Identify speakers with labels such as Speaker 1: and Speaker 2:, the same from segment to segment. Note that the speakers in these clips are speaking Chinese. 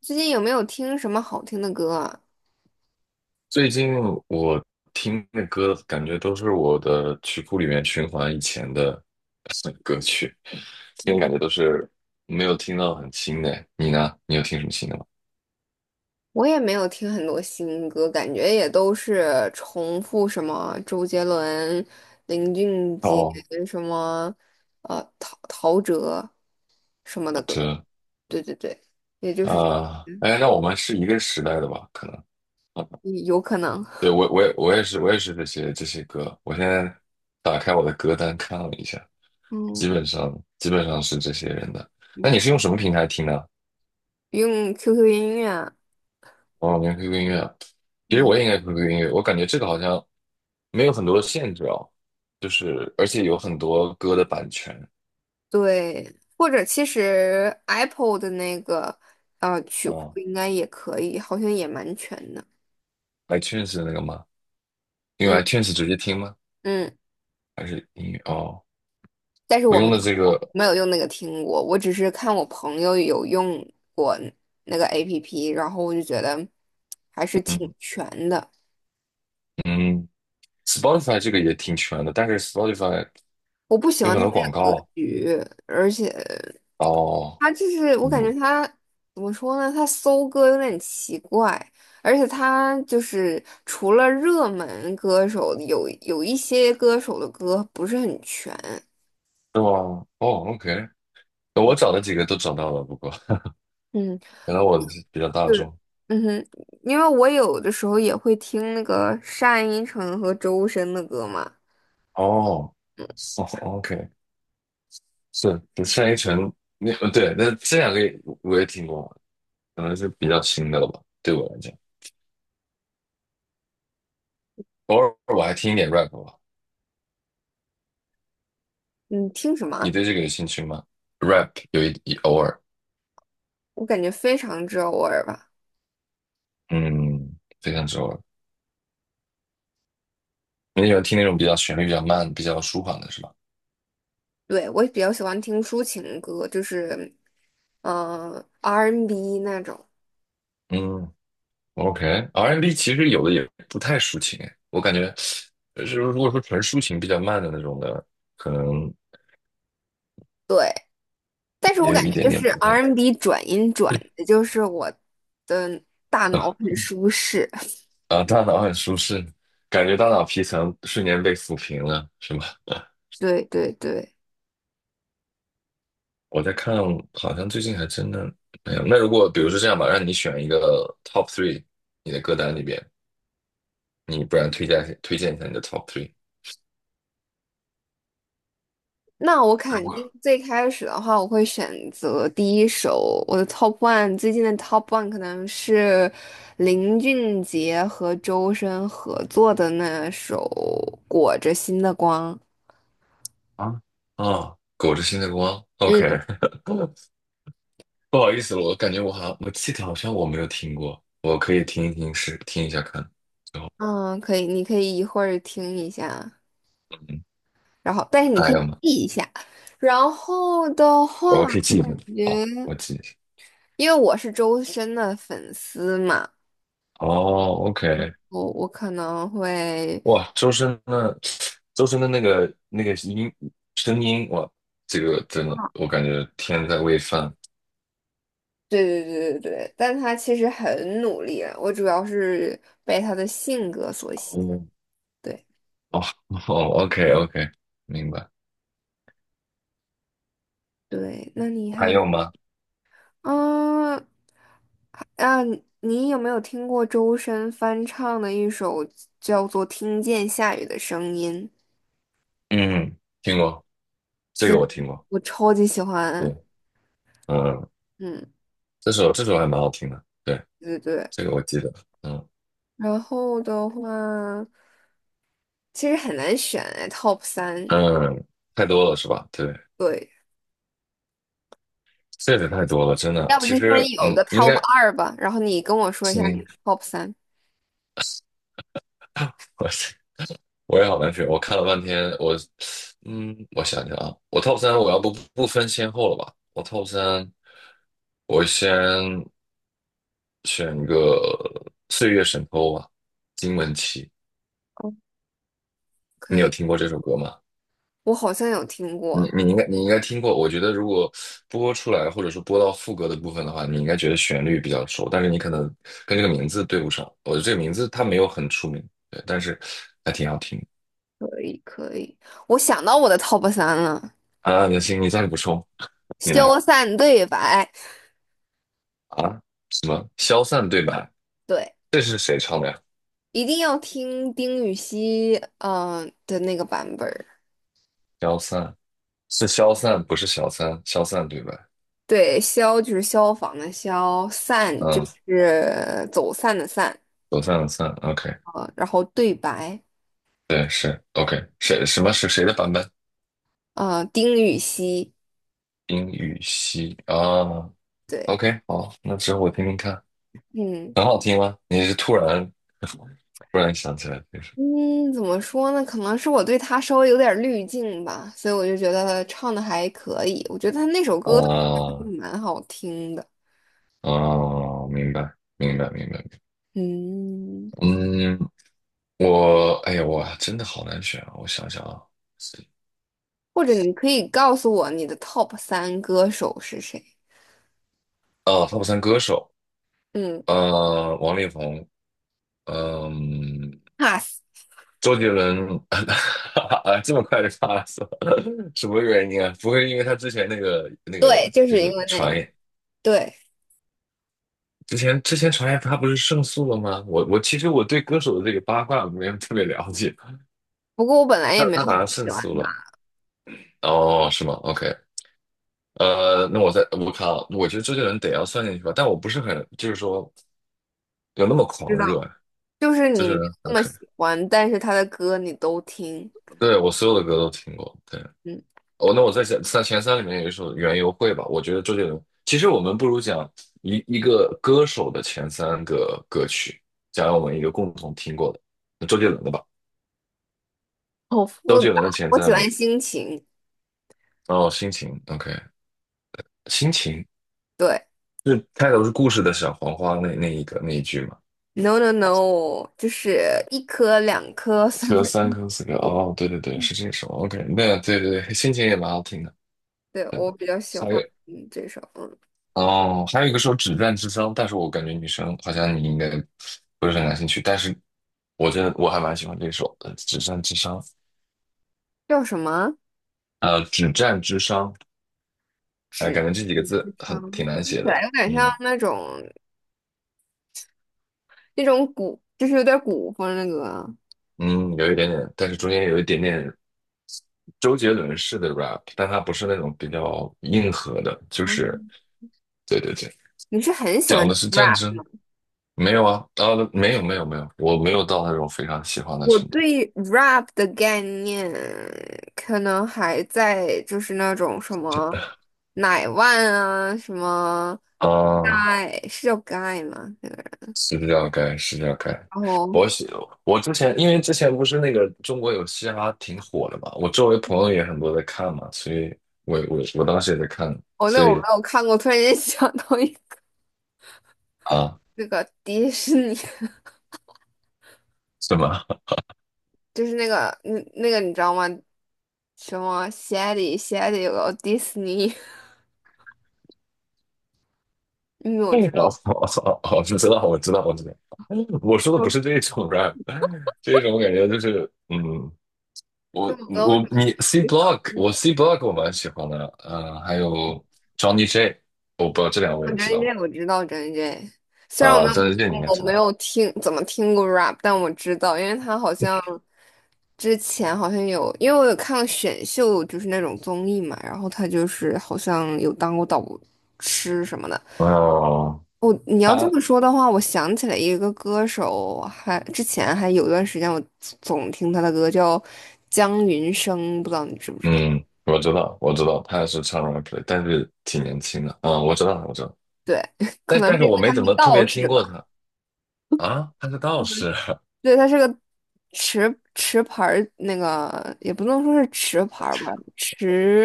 Speaker 1: 最近有没有听什么好听的歌啊？
Speaker 2: 最近我听的歌，感觉都是我的曲库里面循环以前的 歌曲，听感觉都是没有听到很新的。你呢？你有听什么新的吗？
Speaker 1: 我也没有听很多新歌，感觉也都是重复什么周杰伦、林俊杰
Speaker 2: 哦，
Speaker 1: 什么，陶陶喆什么的
Speaker 2: 好
Speaker 1: 歌。
Speaker 2: 的，
Speaker 1: 对对对，也就是这
Speaker 2: 啊，
Speaker 1: 嗯，
Speaker 2: 哎，那我们是一个时代的吧？可能，
Speaker 1: 有可能，
Speaker 2: 对，我也是这些歌。我现在打开我的歌单看了一下，基
Speaker 1: 嗯，
Speaker 2: 本上基本上是这些人的。那
Speaker 1: 嗯
Speaker 2: 你是用什么平台听呢？
Speaker 1: 用 QQ 音乐，
Speaker 2: 哦，连 QQ 音乐啊，其实
Speaker 1: 嗯，
Speaker 2: 我也应该 QQ 音乐，我感觉这个好像没有很多的限制哦，就是而且有很多歌的版权
Speaker 1: 对，或者其实 Apple 的那个曲库
Speaker 2: 啊，
Speaker 1: 应该也可以，好像也蛮全的，
Speaker 2: iTunes 的那个吗？因为
Speaker 1: 嗯
Speaker 2: iTunes 直接听吗？
Speaker 1: 嗯。
Speaker 2: 还是音乐？哦，
Speaker 1: 但是
Speaker 2: 我
Speaker 1: 我
Speaker 2: 用的这个，
Speaker 1: 没有用那个听过，我只是看我朋友有用过那个 APP，然后我就觉得还是挺
Speaker 2: 嗯
Speaker 1: 全的。
Speaker 2: 嗯，Spotify 这个也挺全的，但是 Spotify
Speaker 1: 我不喜
Speaker 2: 有
Speaker 1: 欢
Speaker 2: 很
Speaker 1: 他
Speaker 2: 多
Speaker 1: 那
Speaker 2: 广
Speaker 1: 个格
Speaker 2: 告
Speaker 1: 局，而且
Speaker 2: 啊哦，
Speaker 1: 他就是我感觉
Speaker 2: 嗯，
Speaker 1: 他怎么说呢？他搜歌有点奇怪，而且他就是除了热门歌手，有一些歌手的歌不是很全。
Speaker 2: 是吗？哦，OK，我找的几个都找到了，不过
Speaker 1: 嗯。
Speaker 2: 可能我比较大
Speaker 1: 对，
Speaker 2: 众
Speaker 1: 嗯哼，因为我有的时候也会听那个单依纯和周深的歌嘛。
Speaker 2: 哦。哦，OK，是单依纯城，那对，那这两个也我也听过，可能是比较新的了吧，对我来讲，偶尔我还听一点 rap 吧。
Speaker 1: 你听什
Speaker 2: 你
Speaker 1: 么？
Speaker 2: 对这个有兴趣吗？rap 有一偶尔，
Speaker 1: 我感觉非常之偶尔吧。
Speaker 2: 嗯，非常之偶尔。你喜欢听那种比较旋律比较慢、比较舒缓的是吧？
Speaker 1: 对，我也比较喜欢听抒情歌，就是R&B 那种。
Speaker 2: 嗯，OK，R&B n 其实有的也不太抒情诶，我感觉，就是如果说纯抒情比较慢的那种的，可能
Speaker 1: 对，但是我
Speaker 2: 也
Speaker 1: 感
Speaker 2: 有
Speaker 1: 觉
Speaker 2: 一点
Speaker 1: 就
Speaker 2: 点
Speaker 1: 是
Speaker 2: 不太一
Speaker 1: R&B 转音转的，就是我的大脑
Speaker 2: 样
Speaker 1: 很舒适。
Speaker 2: 啊，大脑很舒适，感觉大脑皮层瞬间被抚平了，是吗？
Speaker 1: 对对对。
Speaker 2: 我在看，好像最近还真的没有。那如果比如说这样吧，让你选一个 top three，你的歌单里边，你不然推荐推荐一下你的 top three。
Speaker 1: 那我
Speaker 2: 如
Speaker 1: 肯定
Speaker 2: 果
Speaker 1: 最开始的话，我会选择第一首我的 top one，最近的 top one 可能是林俊杰和周深合作的那首《裹着心的光》。
Speaker 2: 啊啊，裹着新的光，OK，
Speaker 1: 嗯
Speaker 2: 不好意思了，我感觉我好像我记得好像我没有听过，我可以听一听试听一下看。
Speaker 1: 嗯，可以，你可以一会儿听一下，
Speaker 2: 嗯，
Speaker 1: 然后但是你可
Speaker 2: 还
Speaker 1: 以
Speaker 2: 有吗？
Speaker 1: 记一下。然后的话，
Speaker 2: 我可以记一下。
Speaker 1: 我觉
Speaker 2: 好，
Speaker 1: 得
Speaker 2: 我记一下。
Speaker 1: 因为我是周深的粉丝嘛，
Speaker 2: 哦，OK，
Speaker 1: 我可能会。
Speaker 2: 哇，周深的那个声音，哇，这个真的，我感觉天在喂饭。
Speaker 1: 对对对对对，但他其实很努力啊，我主要是被他的性格所吸引。
Speaker 2: 哦
Speaker 1: 对
Speaker 2: 哦哦，OK OK，明白。
Speaker 1: 对，那你
Speaker 2: 还
Speaker 1: 还
Speaker 2: 有吗？
Speaker 1: 啊啊，你有没有听过周深翻唱的一首叫做《听见下雨的声音》？
Speaker 2: 嗯，听过这个我听过，
Speaker 1: 我超级喜欢。
Speaker 2: 对，嗯，
Speaker 1: 嗯，
Speaker 2: 这首还蛮好听的，对，
Speaker 1: 对对对。
Speaker 2: 这个我记得，嗯
Speaker 1: 然后的话，其实很难选哎，Top 三。
Speaker 2: 嗯，太多了是吧？对，
Speaker 1: 对，
Speaker 2: 这个太多了，真的。
Speaker 1: 要不就
Speaker 2: 其实，
Speaker 1: 先有
Speaker 2: 嗯，
Speaker 1: 个
Speaker 2: 应该，
Speaker 1: Top 二吧，然后你跟我说一下你
Speaker 2: 行，
Speaker 1: 的 Top 三，
Speaker 2: 我。我也好难选。我看了半天，我我想想啊，我 top 三我要不分先后了吧？我 top 三，我先选一个《岁月神偷》吧，金玟岐。你
Speaker 1: 可
Speaker 2: 有
Speaker 1: 以。
Speaker 2: 听过这首歌吗？
Speaker 1: 我好像有听
Speaker 2: 你
Speaker 1: 过，
Speaker 2: 你应该你应该听过。我觉得如果播出来或者说播到副歌的部分的话，你应该觉得旋律比较熟，但是你可能跟这个名字对不上。我觉得这个名字它没有很出名，对，但是还挺好听的
Speaker 1: 可以可以，我想到我的 top 三了，
Speaker 2: 啊。那行，你再补充，你来。
Speaker 1: 《消散对白》，
Speaker 2: 啊，什么消散对白？
Speaker 1: 对，
Speaker 2: 这是谁唱的呀？
Speaker 1: 一定要听丁禹兮，的那个版本儿，
Speaker 2: 消散是消散，不是小三。消散对白，
Speaker 1: 对，消就是消防的消，散就
Speaker 2: 嗯，
Speaker 1: 是走散的散，
Speaker 2: 走散的散，OK，
Speaker 1: 啊，然后对白，
Speaker 2: 对，是 OK，谁什么是谁的版本？
Speaker 1: 啊，丁禹兮，
Speaker 2: 冰与熙啊
Speaker 1: 对，
Speaker 2: ，OK，好，那之后我听听看，
Speaker 1: 嗯。
Speaker 2: 很好听吗？你是突然 突然想起来这首
Speaker 1: 嗯，怎么说呢？可能是我对他稍微有点儿滤镜吧，所以我就觉得他唱的还可以。我觉得他那首歌 还
Speaker 2: 啊
Speaker 1: 蛮好听的。
Speaker 2: 啊，明白明白明白明白，
Speaker 1: 嗯，
Speaker 2: 嗯，我哎呀，我真的好难选啊，我想想啊，
Speaker 1: 或者你可以告诉我你的 top 三歌手是谁？
Speaker 2: 啊，他不算歌手。
Speaker 1: 嗯
Speaker 2: 王力宏，嗯、
Speaker 1: ，pass，
Speaker 2: 周杰伦，啊，这么快就杀了是吧？什么原因啊？不会因为他之前那个
Speaker 1: 对，就
Speaker 2: 就
Speaker 1: 是因
Speaker 2: 是
Speaker 1: 为那
Speaker 2: 传
Speaker 1: 个
Speaker 2: 言，
Speaker 1: 对。
Speaker 2: 之前传言他不是胜诉了吗？我其实我对歌手的这个八卦没有特别了解，
Speaker 1: 不过我本来也
Speaker 2: 他
Speaker 1: 没
Speaker 2: 他
Speaker 1: 有
Speaker 2: 好
Speaker 1: 很
Speaker 2: 像胜
Speaker 1: 喜欢
Speaker 2: 诉了，
Speaker 1: 他，
Speaker 2: 哦，是吗？OK，那我看啊，我觉得周杰伦得要算进去吧，但我不是很就是说有那么
Speaker 1: 知
Speaker 2: 狂热
Speaker 1: 道，
Speaker 2: 啊，
Speaker 1: 就是
Speaker 2: 周
Speaker 1: 你
Speaker 2: 杰
Speaker 1: 没有
Speaker 2: 伦
Speaker 1: 那么
Speaker 2: OK，
Speaker 1: 喜欢，但是他的歌你都听，
Speaker 2: 对我所有的歌都听过，对。
Speaker 1: 嗯，
Speaker 2: 哦，那我在前三里面有一首《园游会》吧，我觉得周杰伦。其实我们不如讲一个歌手的前三个歌曲，讲我们一个共同听过的，那周杰伦的吧。
Speaker 1: 好
Speaker 2: 周
Speaker 1: 复
Speaker 2: 杰
Speaker 1: 杂。
Speaker 2: 伦的前
Speaker 1: 我喜
Speaker 2: 三名，
Speaker 1: 欢心情，
Speaker 2: 哦，心情，OK，心情
Speaker 1: 对
Speaker 2: 是开头是故事的小黄花那一个那一句嘛，
Speaker 1: ，no no no，就是一颗、两颗、三
Speaker 2: 有
Speaker 1: 颗，
Speaker 2: 三颗四颗，哦，对对对，是这首，OK，那对对对，心情也蛮好听的。
Speaker 1: 对，我比较喜
Speaker 2: 还
Speaker 1: 欢
Speaker 2: 有
Speaker 1: 嗯这首，嗯，
Speaker 2: 哦，还有一个说止战之殇，但是我感觉女生好像你应该不是很感兴趣，但是我真的我还蛮喜欢这首的《止战之殇》。
Speaker 1: 叫什么？
Speaker 2: 止战之殇，哎，
Speaker 1: 纸
Speaker 2: 感觉这几个
Speaker 1: 嗯，
Speaker 2: 字
Speaker 1: 长，
Speaker 2: 很挺难
Speaker 1: 听起
Speaker 2: 写
Speaker 1: 来
Speaker 2: 的，
Speaker 1: 有点像
Speaker 2: 嗯
Speaker 1: 那种。那种古，就是有点古风那个啊。
Speaker 2: 嗯，有一点点，但是中间有一点点周杰伦式的 rap，但它不是那种比较硬核的，就是
Speaker 1: 哦
Speaker 2: 对对对，
Speaker 1: 你是很喜欢
Speaker 2: 讲的是战
Speaker 1: rap？
Speaker 2: 争，没有啊，啊，没有没有没有，我没有到那种非常喜欢的
Speaker 1: 我
Speaker 2: 程度，
Speaker 1: 对 rap 的概念可能还在就是那种什么奶万啊，什么
Speaker 2: 啊。
Speaker 1: guy 是叫 guy 吗？那个
Speaker 2: 是要改，是要改。
Speaker 1: 然后
Speaker 2: 我喜我之前因为之前不是那个中国有嘻哈挺火的嘛，我周围朋友也很多在看嘛，所以我当时也在看，
Speaker 1: 哦，那
Speaker 2: 所
Speaker 1: 我没
Speaker 2: 以
Speaker 1: 有看过，突然间想到一个
Speaker 2: 啊，
Speaker 1: 那个迪士尼，
Speaker 2: 是吗？
Speaker 1: 就是那个你知道吗？什么 Shady Shady 有个哦迪士尼，因为我
Speaker 2: 我
Speaker 1: 知道，
Speaker 2: 我我知道，我知道，我知道。我说的不
Speaker 1: 就
Speaker 2: 是这种 rap，这种感觉就是，嗯，
Speaker 1: 就我跟我。
Speaker 2: 你 C Block，我 C Block 我蛮喜欢的，嗯，还有 Johnny J，我不知道这两位
Speaker 1: 我
Speaker 2: 你知
Speaker 1: J
Speaker 2: 道吗？
Speaker 1: J 我知道张 J J，虽然
Speaker 2: 啊，张卫健你应该知
Speaker 1: 我没
Speaker 2: 道。
Speaker 1: 有听怎么听过 rap，但我知道，因为他好像之前好像有，因为我有看过选秀，就是那种综艺嘛，然后他就是好像有当过导师什么的。
Speaker 2: 哦，
Speaker 1: 我你要这
Speaker 2: 他。
Speaker 1: 么说的话，我想起来一个歌手，还之前还有一段时间我总听他的歌，叫江云生，不知道你知不知道？
Speaker 2: 嗯，我知道，我知道，他是唱 r a p l 但是挺年轻的。嗯，我知道，我知道，
Speaker 1: 对，可
Speaker 2: 但
Speaker 1: 能
Speaker 2: 但是
Speaker 1: 是因为
Speaker 2: 我没
Speaker 1: 他
Speaker 2: 怎
Speaker 1: 是
Speaker 2: 么特
Speaker 1: 道
Speaker 2: 别听
Speaker 1: 士
Speaker 2: 过
Speaker 1: 吧。
Speaker 2: 他啊。他是道士，
Speaker 1: 对，他是个持牌儿，那个也不能说是持牌儿吧，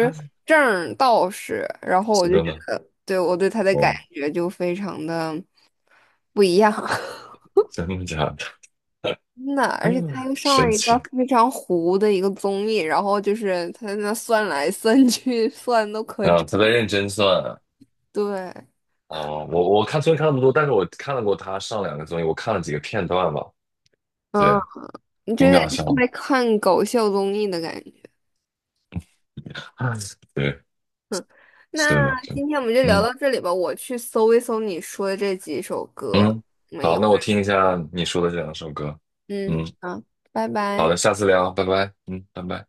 Speaker 2: 他是
Speaker 1: 证儿道士。然后我
Speaker 2: 是
Speaker 1: 就
Speaker 2: 真
Speaker 1: 觉
Speaker 2: 的
Speaker 1: 得，对我对他的感
Speaker 2: 哦，
Speaker 1: 觉就非常的不一样，
Speaker 2: 真的假的？
Speaker 1: 真的。而且他又 上了
Speaker 2: 神
Speaker 1: 一个
Speaker 2: 奇
Speaker 1: 非常糊的一个综艺，然后就是他在那算来算去，算都可
Speaker 2: 啊！
Speaker 1: 准。
Speaker 2: 他在认真算啊。
Speaker 1: 对，
Speaker 2: 我我看虽然看那么多，但是我看了过他上两个综艺，我看了几个片段吧。对，
Speaker 1: 嗯，你就
Speaker 2: 挺
Speaker 1: 有点
Speaker 2: 搞笑
Speaker 1: 像
Speaker 2: 的。
Speaker 1: 在看搞笑综艺的感觉。
Speaker 2: 对，是
Speaker 1: 那
Speaker 2: 的，是的。
Speaker 1: 今天我们就聊
Speaker 2: 嗯
Speaker 1: 到这里吧，我去搜一搜你说的这几首歌。
Speaker 2: 嗯，
Speaker 1: 没
Speaker 2: 好，
Speaker 1: 有。
Speaker 2: 那我听一下你说的这两首歌。
Speaker 1: 嗯，
Speaker 2: 嗯，
Speaker 1: 好，拜
Speaker 2: 好
Speaker 1: 拜。
Speaker 2: 的，下次聊，拜拜。嗯，拜拜。